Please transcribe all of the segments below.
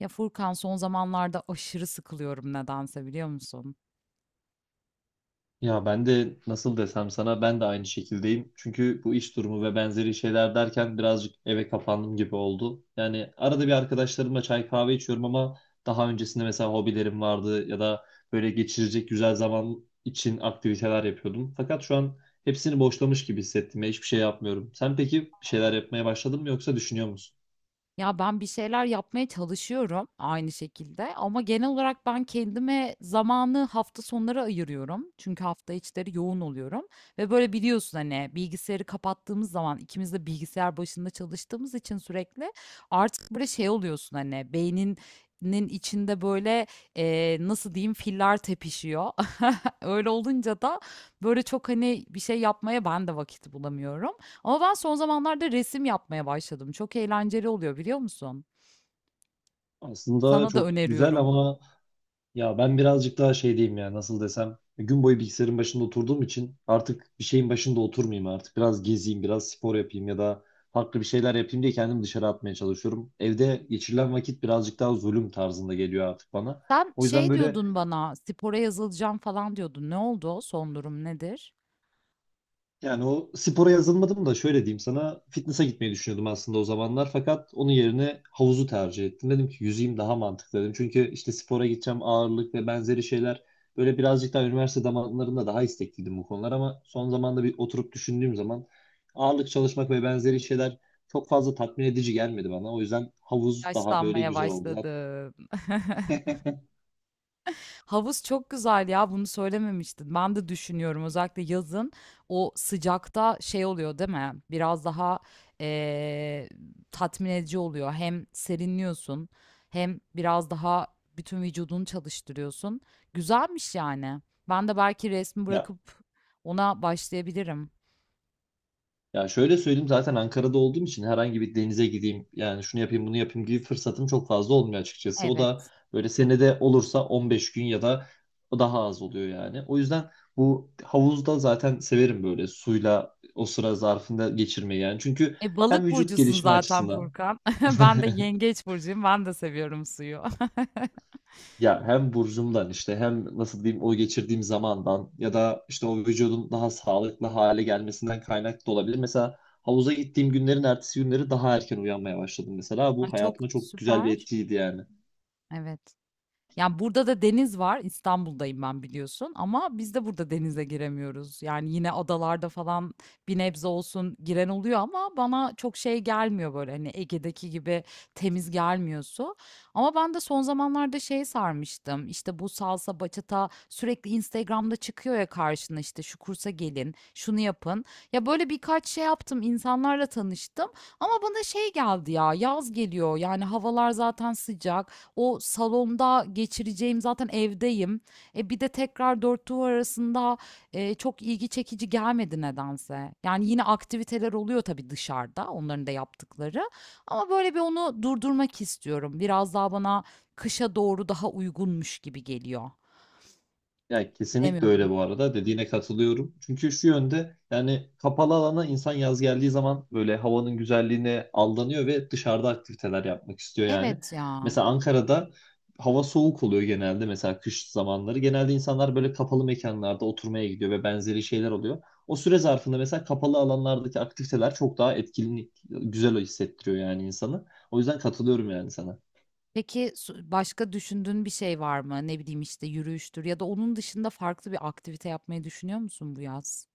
Ya Furkan son zamanlarda aşırı sıkılıyorum nedense biliyor musun? Ya ben de nasıl desem sana ben de aynı şekildeyim. Çünkü bu iş durumu ve benzeri şeyler derken birazcık eve kapandım gibi oldu. Yani arada bir arkadaşlarımla çay kahve içiyorum ama daha öncesinde mesela hobilerim vardı ya da böyle geçirecek güzel zaman için aktiviteler yapıyordum. Fakat şu an hepsini boşlamış gibi hissettim ve hiçbir şey yapmıyorum. Sen peki bir şeyler Aa. yapmaya başladın mı yoksa düşünüyor musun? Ya ben bir şeyler yapmaya çalışıyorum aynı şekilde ama genel olarak ben kendime zamanı hafta sonları ayırıyorum. Çünkü hafta içleri yoğun oluyorum ve böyle biliyorsun hani bilgisayarı kapattığımız zaman ikimiz de bilgisayar başında çalıştığımız için sürekli artık böyle şey oluyorsun hani beyninin içinde böyle nasıl diyeyim filler tepişiyor. Öyle olunca da böyle çok hani bir şey yapmaya ben de vakit bulamıyorum. Ama ben son zamanlarda resim yapmaya başladım. Çok eğlenceli oluyor biliyor musun? Aslında Sana da çok güzel öneriyorum. ama. Ya ben birazcık daha şey diyeyim ya nasıl desem gün boyu bilgisayarın başında oturduğum için artık bir şeyin başında oturmayayım, artık biraz gezeyim, biraz spor yapayım ya da farklı bir şeyler yapayım diye kendimi dışarı atmaya çalışıyorum. Evde geçirilen vakit birazcık daha zulüm tarzında geliyor artık bana. Sen O yüzden şey böyle. diyordun bana, spora yazılacağım falan diyordun. Ne oldu? Son durum nedir? Yani o spora yazılmadım da şöyle diyeyim sana, fitness'a gitmeyi düşünüyordum aslında o zamanlar, fakat onun yerine havuzu tercih ettim. Dedim ki yüzeyim daha mantıklı dedim. Çünkü işte spora gideceğim, ağırlık ve benzeri şeyler, böyle birazcık daha üniversite zamanlarında daha istekliydim bu konular, ama son zamanda bir oturup düşündüğüm zaman ağırlık çalışmak ve benzeri şeyler çok fazla tatmin edici gelmedi bana. O yüzden havuz daha böyle Yaşlanmaya güzel oldu zaten. başladım. Havuz çok güzel ya, bunu söylememiştin. Ben de düşünüyorum özellikle yazın o sıcakta şey oluyor değil mi? Biraz daha eee, tatmin edici oluyor. Hem serinliyorsun hem biraz daha bütün vücudunu çalıştırıyorsun. Güzelmiş yani. Ben de belki resmi Ya, bırakıp ona başlayabilirim. ya şöyle söyleyeyim, zaten Ankara'da olduğum için herhangi bir denize gideyim yani şunu yapayım bunu yapayım gibi fırsatım çok fazla olmuyor açıkçası. O da Evet. böyle senede olursa 15 gün ya da daha az oluyor yani. O yüzden bu havuzda zaten severim böyle suyla o sıra zarfında geçirmeyi yani. Çünkü hem Balık vücut burcusun gelişimi zaten açısından… Furkan. Ben de yengeç burcuyum. Ben de seviyorum suyu. Ya hem burcumdan işte hem nasıl diyeyim o geçirdiğim zamandan ya da işte o vücudun daha sağlıklı hale gelmesinden kaynaklı da olabilir. Mesela havuza gittiğim günlerin ertesi günleri daha erken uyanmaya başladım mesela. Ay, Bu çok hayatıma çok güzel bir süper. etkiydi yani. Evet. Yani burada da deniz var. İstanbul'dayım ben biliyorsun ama biz de burada denize giremiyoruz. Yani yine adalarda falan bir nebze olsun giren oluyor ama bana çok şey gelmiyor, böyle hani Ege'deki gibi temiz gelmiyor su. Ama ben de son zamanlarda şey sarmıştım. İşte bu salsa, bachata sürekli Instagram'da çıkıyor ya karşına, işte şu kursa gelin, şunu yapın. Ya böyle birkaç şey yaptım, insanlarla tanıştım ama bana şey geldi ya, yaz geliyor. Yani havalar zaten sıcak. O salonda geçireceğim, zaten evdeyim. E bir de tekrar dört duvar arasında çok ilgi çekici gelmedi nedense. Yani yine aktiviteler oluyor tabii dışarıda onların da yaptıkları. Ama böyle bir onu durdurmak istiyorum. Biraz daha bana kışa doğru daha uygunmuş gibi geliyor. Ya kesinlikle öyle Bilemiyorum. bu arada, dediğine katılıyorum. Çünkü şu yönde yani kapalı alana insan yaz geldiği zaman böyle havanın güzelliğine aldanıyor ve dışarıda aktiviteler yapmak istiyor yani. Evet ya. Mesela Ankara'da hava soğuk oluyor genelde, mesela kış zamanları. Genelde insanlar böyle kapalı mekanlarda oturmaya gidiyor ve benzeri şeyler oluyor. O süre zarfında mesela kapalı alanlardaki aktiviteler çok daha etkili, güzel hissettiriyor yani insanı. O yüzden katılıyorum yani sana. Peki başka düşündüğün bir şey var mı? Ne bileyim işte yürüyüştür ya da onun dışında farklı bir aktivite yapmayı düşünüyor musun bu yaz?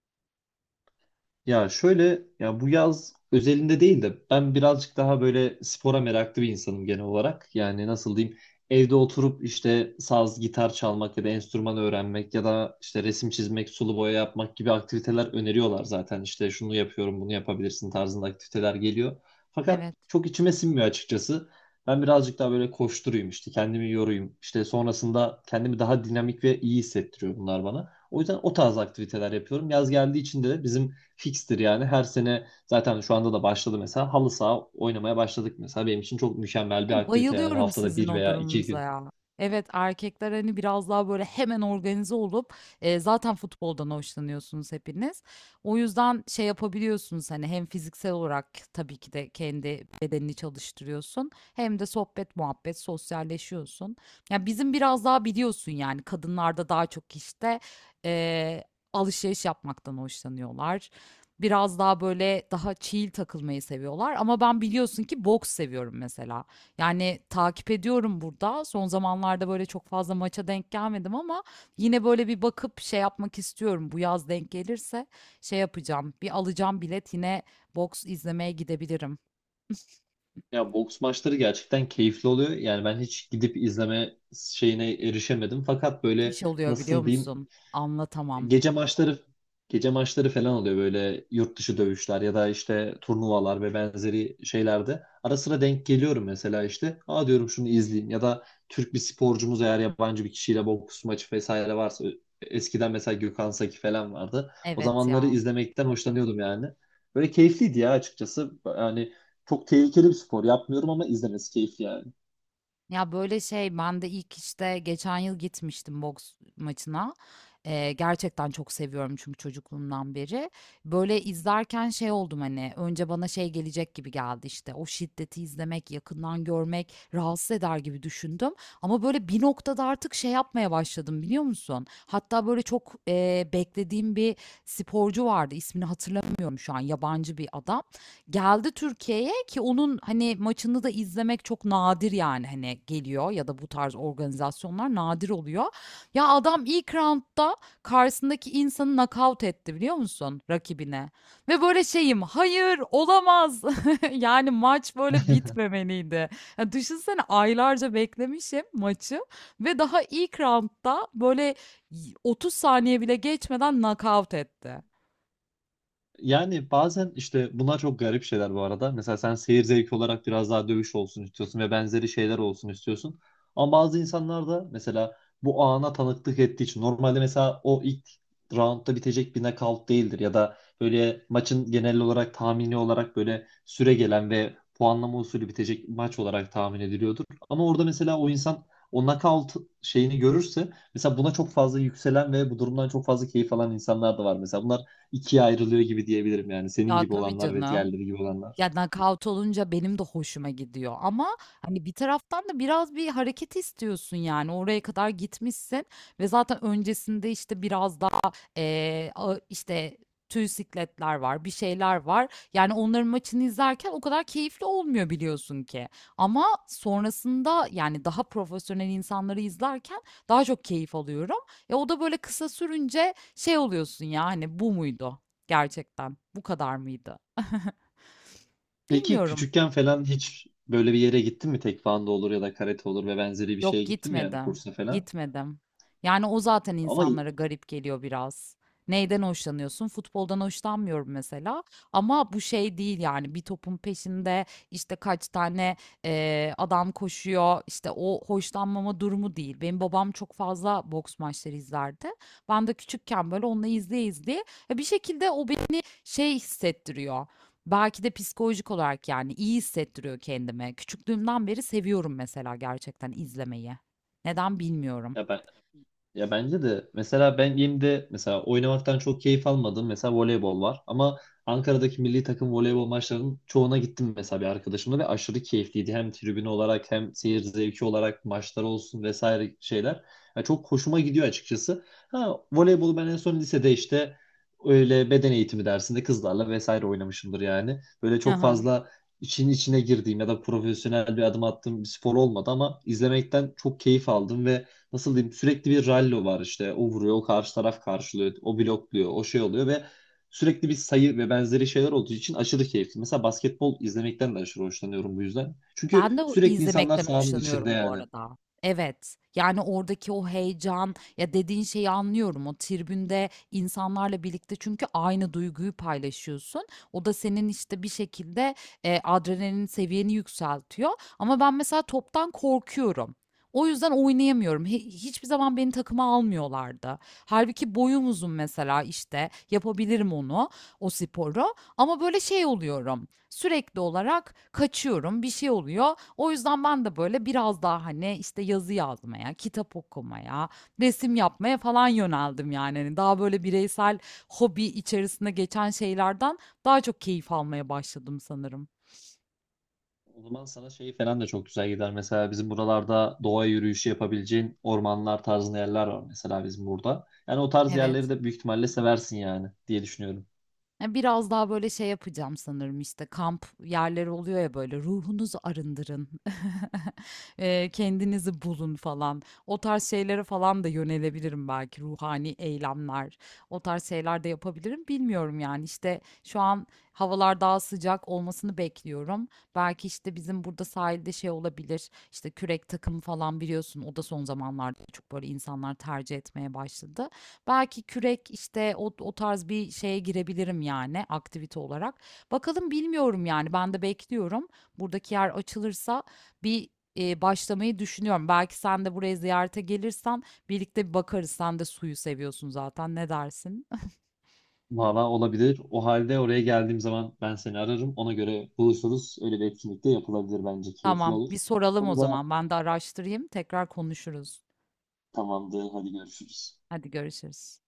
Ya şöyle, ya bu yaz özelinde değil de ben birazcık daha böyle spora meraklı bir insanım genel olarak. Yani nasıl diyeyim, evde oturup işte saz, gitar çalmak ya da enstrüman öğrenmek ya da işte resim çizmek, sulu boya yapmak gibi aktiviteler öneriyorlar zaten. İşte şunu yapıyorum, bunu yapabilirsin tarzında aktiviteler geliyor. Fakat Evet. çok içime sinmiyor açıkçası. Ben birazcık daha böyle koşturayım, işte kendimi yorayım. İşte sonrasında kendimi daha dinamik ve iyi hissettiriyor bunlar bana. O yüzden o tarz aktiviteler yapıyorum. Yaz geldiği için de bizim fikstir yani. Her sene zaten şu anda da başladı mesela. Halı saha oynamaya başladık mesela. Benim için çok mükemmel bir aktivite yani, Bayılıyorum haftada sizin bir o veya iki durumunuza gün. ya. Evet, erkekler hani biraz daha böyle hemen organize olup zaten futboldan hoşlanıyorsunuz hepiniz. O yüzden şey yapabiliyorsunuz hani hem fiziksel olarak tabii ki de kendi bedenini çalıştırıyorsun hem de sohbet muhabbet sosyalleşiyorsun. Ya bizim biraz daha biliyorsun yani kadınlarda daha çok işte e, alışveriş yapmaktan hoşlanıyorlar. Biraz daha böyle daha chill takılmayı seviyorlar ama ben biliyorsun ki boks seviyorum mesela. Yani takip ediyorum burada. Son zamanlarda böyle çok fazla maça denk gelmedim ama yine böyle bir bakıp şey yapmak istiyorum. Bu yaz denk gelirse şey yapacağım. Bir alacağım bilet, yine boks izlemeye gidebilirim. Ya boks maçları gerçekten keyifli oluyor. Yani ben hiç gidip izleme şeyine erişemedim. Fakat böyle Müthiş oluyor biliyor nasıl diyeyim, musun? Anlatamam. gece maçları gece maçları falan oluyor, böyle yurt dışı dövüşler ya da işte turnuvalar ve benzeri şeylerde. Ara sıra denk geliyorum mesela işte. Aa diyorum şunu izleyeyim ya da Türk bir sporcumuz eğer yabancı bir kişiyle boks maçı vesaire varsa, eskiden mesela Gökhan Saki falan vardı. O Evet zamanları ya. izlemekten hoşlanıyordum yani. Böyle keyifliydi ya açıkçası. Yani çok tehlikeli bir spor. Yapmıyorum ama izlemesi keyifli yani. Ya böyle şey, ben de ilk işte geçen yıl gitmiştim boks maçına. Gerçekten çok seviyorum çünkü çocukluğumdan beri. Böyle izlerken şey oldum hani, önce bana şey gelecek gibi geldi, işte o şiddeti izlemek, yakından görmek rahatsız eder gibi düşündüm. Ama böyle bir noktada artık şey yapmaya başladım biliyor musun? Hatta böyle çok beklediğim bir sporcu vardı, ismini hatırlamıyorum şu an, yabancı bir adam. Geldi Türkiye'ye ki onun, hani, maçını da izlemek çok nadir, yani, hani, geliyor ya da bu tarz organizasyonlar nadir oluyor. Ya, adam ilk raundda karşısındaki insanı nakavt etti, biliyor musun, rakibine. Ve böyle şeyim, "Hayır, olamaz." Yani, maç böyle bitmemeliydi. Ya, düşünsene aylarca beklemişim maçı ve daha ilk raundda böyle 30 saniye bile geçmeden nakavt etti. Yani bazen işte bunlar çok garip şeyler bu arada. Mesela sen seyir zevki olarak biraz daha dövüş olsun istiyorsun ve benzeri şeyler olsun istiyorsun. Ama bazı insanlar da mesela bu ana tanıklık ettiği için normalde mesela o ilk roundda bitecek bir knockout değildir ya da böyle maçın genel olarak tahmini olarak böyle süre gelen ve puanlama usulü bitecek maç olarak tahmin ediliyordur. Ama orada mesela o insan o knockout şeyini görürse, mesela buna çok fazla yükselen ve bu durumdan çok fazla keyif alan insanlar da var. Mesela bunlar ikiye ayrılıyor gibi diyebilirim yani. Senin Ya, gibi tabii olanlar ve canım. diğerleri gibi olanlar. Ya, knockout olunca benim de hoşuma gidiyor ama, hani, bir taraftan da biraz bir hareket istiyorsun, yani. Oraya kadar gitmişsin ve zaten öncesinde, işte, biraz daha, ağı işte, tüy sikletler var, bir şeyler var. Yani, onların maçını izlerken o kadar keyifli olmuyor biliyorsun ki, ama sonrasında, yani, daha profesyonel insanları izlerken daha çok keyif alıyorum. Ya o da böyle kısa sürünce şey oluyorsun ya, hani, bu muydu gerçekten, bu kadar mıydı? Peki Bilmiyorum. küçükken falan hiç böyle bir yere gittin mi? Tekvando olur ya da karate olur ve benzeri bir şeye Yok, gittin mi yani, kursa falan? gitmedim. Yani o zaten Ama insanlara garip geliyor biraz. Neyden hoşlanıyorsun? Futboldan hoşlanmıyorum mesela. Ama bu şey değil yani, bir topun peşinde işte kaç tane adam koşuyor. İşte o, hoşlanmama durumu değil. Benim babam çok fazla boks maçları izlerdi. Ben de küçükken böyle onunla izleye izleye ya, bir şekilde o beni şey hissettiriyor. Belki de psikolojik olarak yani iyi hissettiriyor kendime. Küçüklüğümden beri seviyorum mesela, gerçekten izlemeyi. Neden bilmiyorum. ya ben… Ya bence de mesela benim de mesela oynamaktan çok keyif almadım. Mesela voleybol var ama Ankara'daki milli takım voleybol maçlarının çoğuna gittim mesela bir arkadaşımla ve aşırı keyifliydi. Hem tribün olarak hem seyir zevki olarak maçlar olsun vesaire şeyler. Ya çok hoşuma gidiyor açıkçası. Ha, voleybolu ben en son lisede işte öyle beden eğitimi dersinde kızlarla vesaire oynamışımdır yani. Böyle çok Aha. fazla için içine girdiğim ya da profesyonel bir adım attığım bir spor olmadı ama izlemekten çok keyif aldım ve nasıl diyeyim, sürekli bir rallo var işte. O vuruyor, o karşı taraf karşılıyor, o blokluyor, o şey oluyor ve sürekli bir sayı ve benzeri şeyler olduğu için aşırı keyifli. Mesela basketbol izlemekten de aşırı hoşlanıyorum bu yüzden. Çünkü Ben de o sürekli insanlar izlemekten sahanın içinde hoşlanıyorum bu yani. arada. Evet. Yani oradaki o heyecan ya, dediğin şeyi anlıyorum. O tribünde insanlarla birlikte çünkü aynı duyguyu paylaşıyorsun. O da senin işte bir şekilde adrenalin seviyeni yükseltiyor. Ama ben mesela toptan korkuyorum. O yüzden oynayamıyorum. Hiçbir zaman beni takıma almıyorlardı. Halbuki boyum uzun, mesela işte yapabilirim onu, o sporu. Ama böyle şey oluyorum. Sürekli olarak kaçıyorum, bir şey oluyor. O yüzden ben de böyle biraz daha hani işte yazı yazmaya, kitap okumaya, resim yapmaya falan yöneldim yani. Hani daha böyle bireysel hobi içerisinde geçen şeylerden daha çok keyif almaya başladım sanırım. O zaman sana şey falan da çok güzel gider. Mesela bizim buralarda doğa yürüyüşü yapabileceğin ormanlar tarzında yerler var mesela bizim burada. Yani o tarz yerleri Evet. de büyük ihtimalle seversin yani diye düşünüyorum. Ya, biraz daha böyle şey yapacağım sanırım, işte kamp yerleri oluyor ya, böyle ruhunuzu arındırın, kendinizi bulun falan. O tarz şeylere falan da yönelebilirim, belki ruhani eylemler, o tarz şeyler de yapabilirim bilmiyorum yani, işte şu an havalar daha sıcak olmasını bekliyorum. Belki işte bizim burada sahilde şey olabilir, işte kürek takımı falan, biliyorsun o da son zamanlarda çok böyle insanlar tercih etmeye başladı. Belki kürek, işte o tarz bir şeye girebilirim yani aktivite olarak. Bakalım, bilmiyorum yani, ben de bekliyorum. Buradaki yer açılırsa bir başlamayı düşünüyorum. Belki sen de buraya ziyarete gelirsen birlikte bir bakarız. Sen de suyu seviyorsun zaten, ne dersin? Valla olabilir. O halde oraya geldiğim zaman ben seni ararım. Ona göre buluşuruz. Öyle bir etkinlik de yapılabilir bence. Keyifli Tamam, olur. bir soralım o Bunu da… zaman, ben de araştırayım, tekrar konuşuruz. Tamamdır. Hadi görüşürüz. Hadi görüşürüz.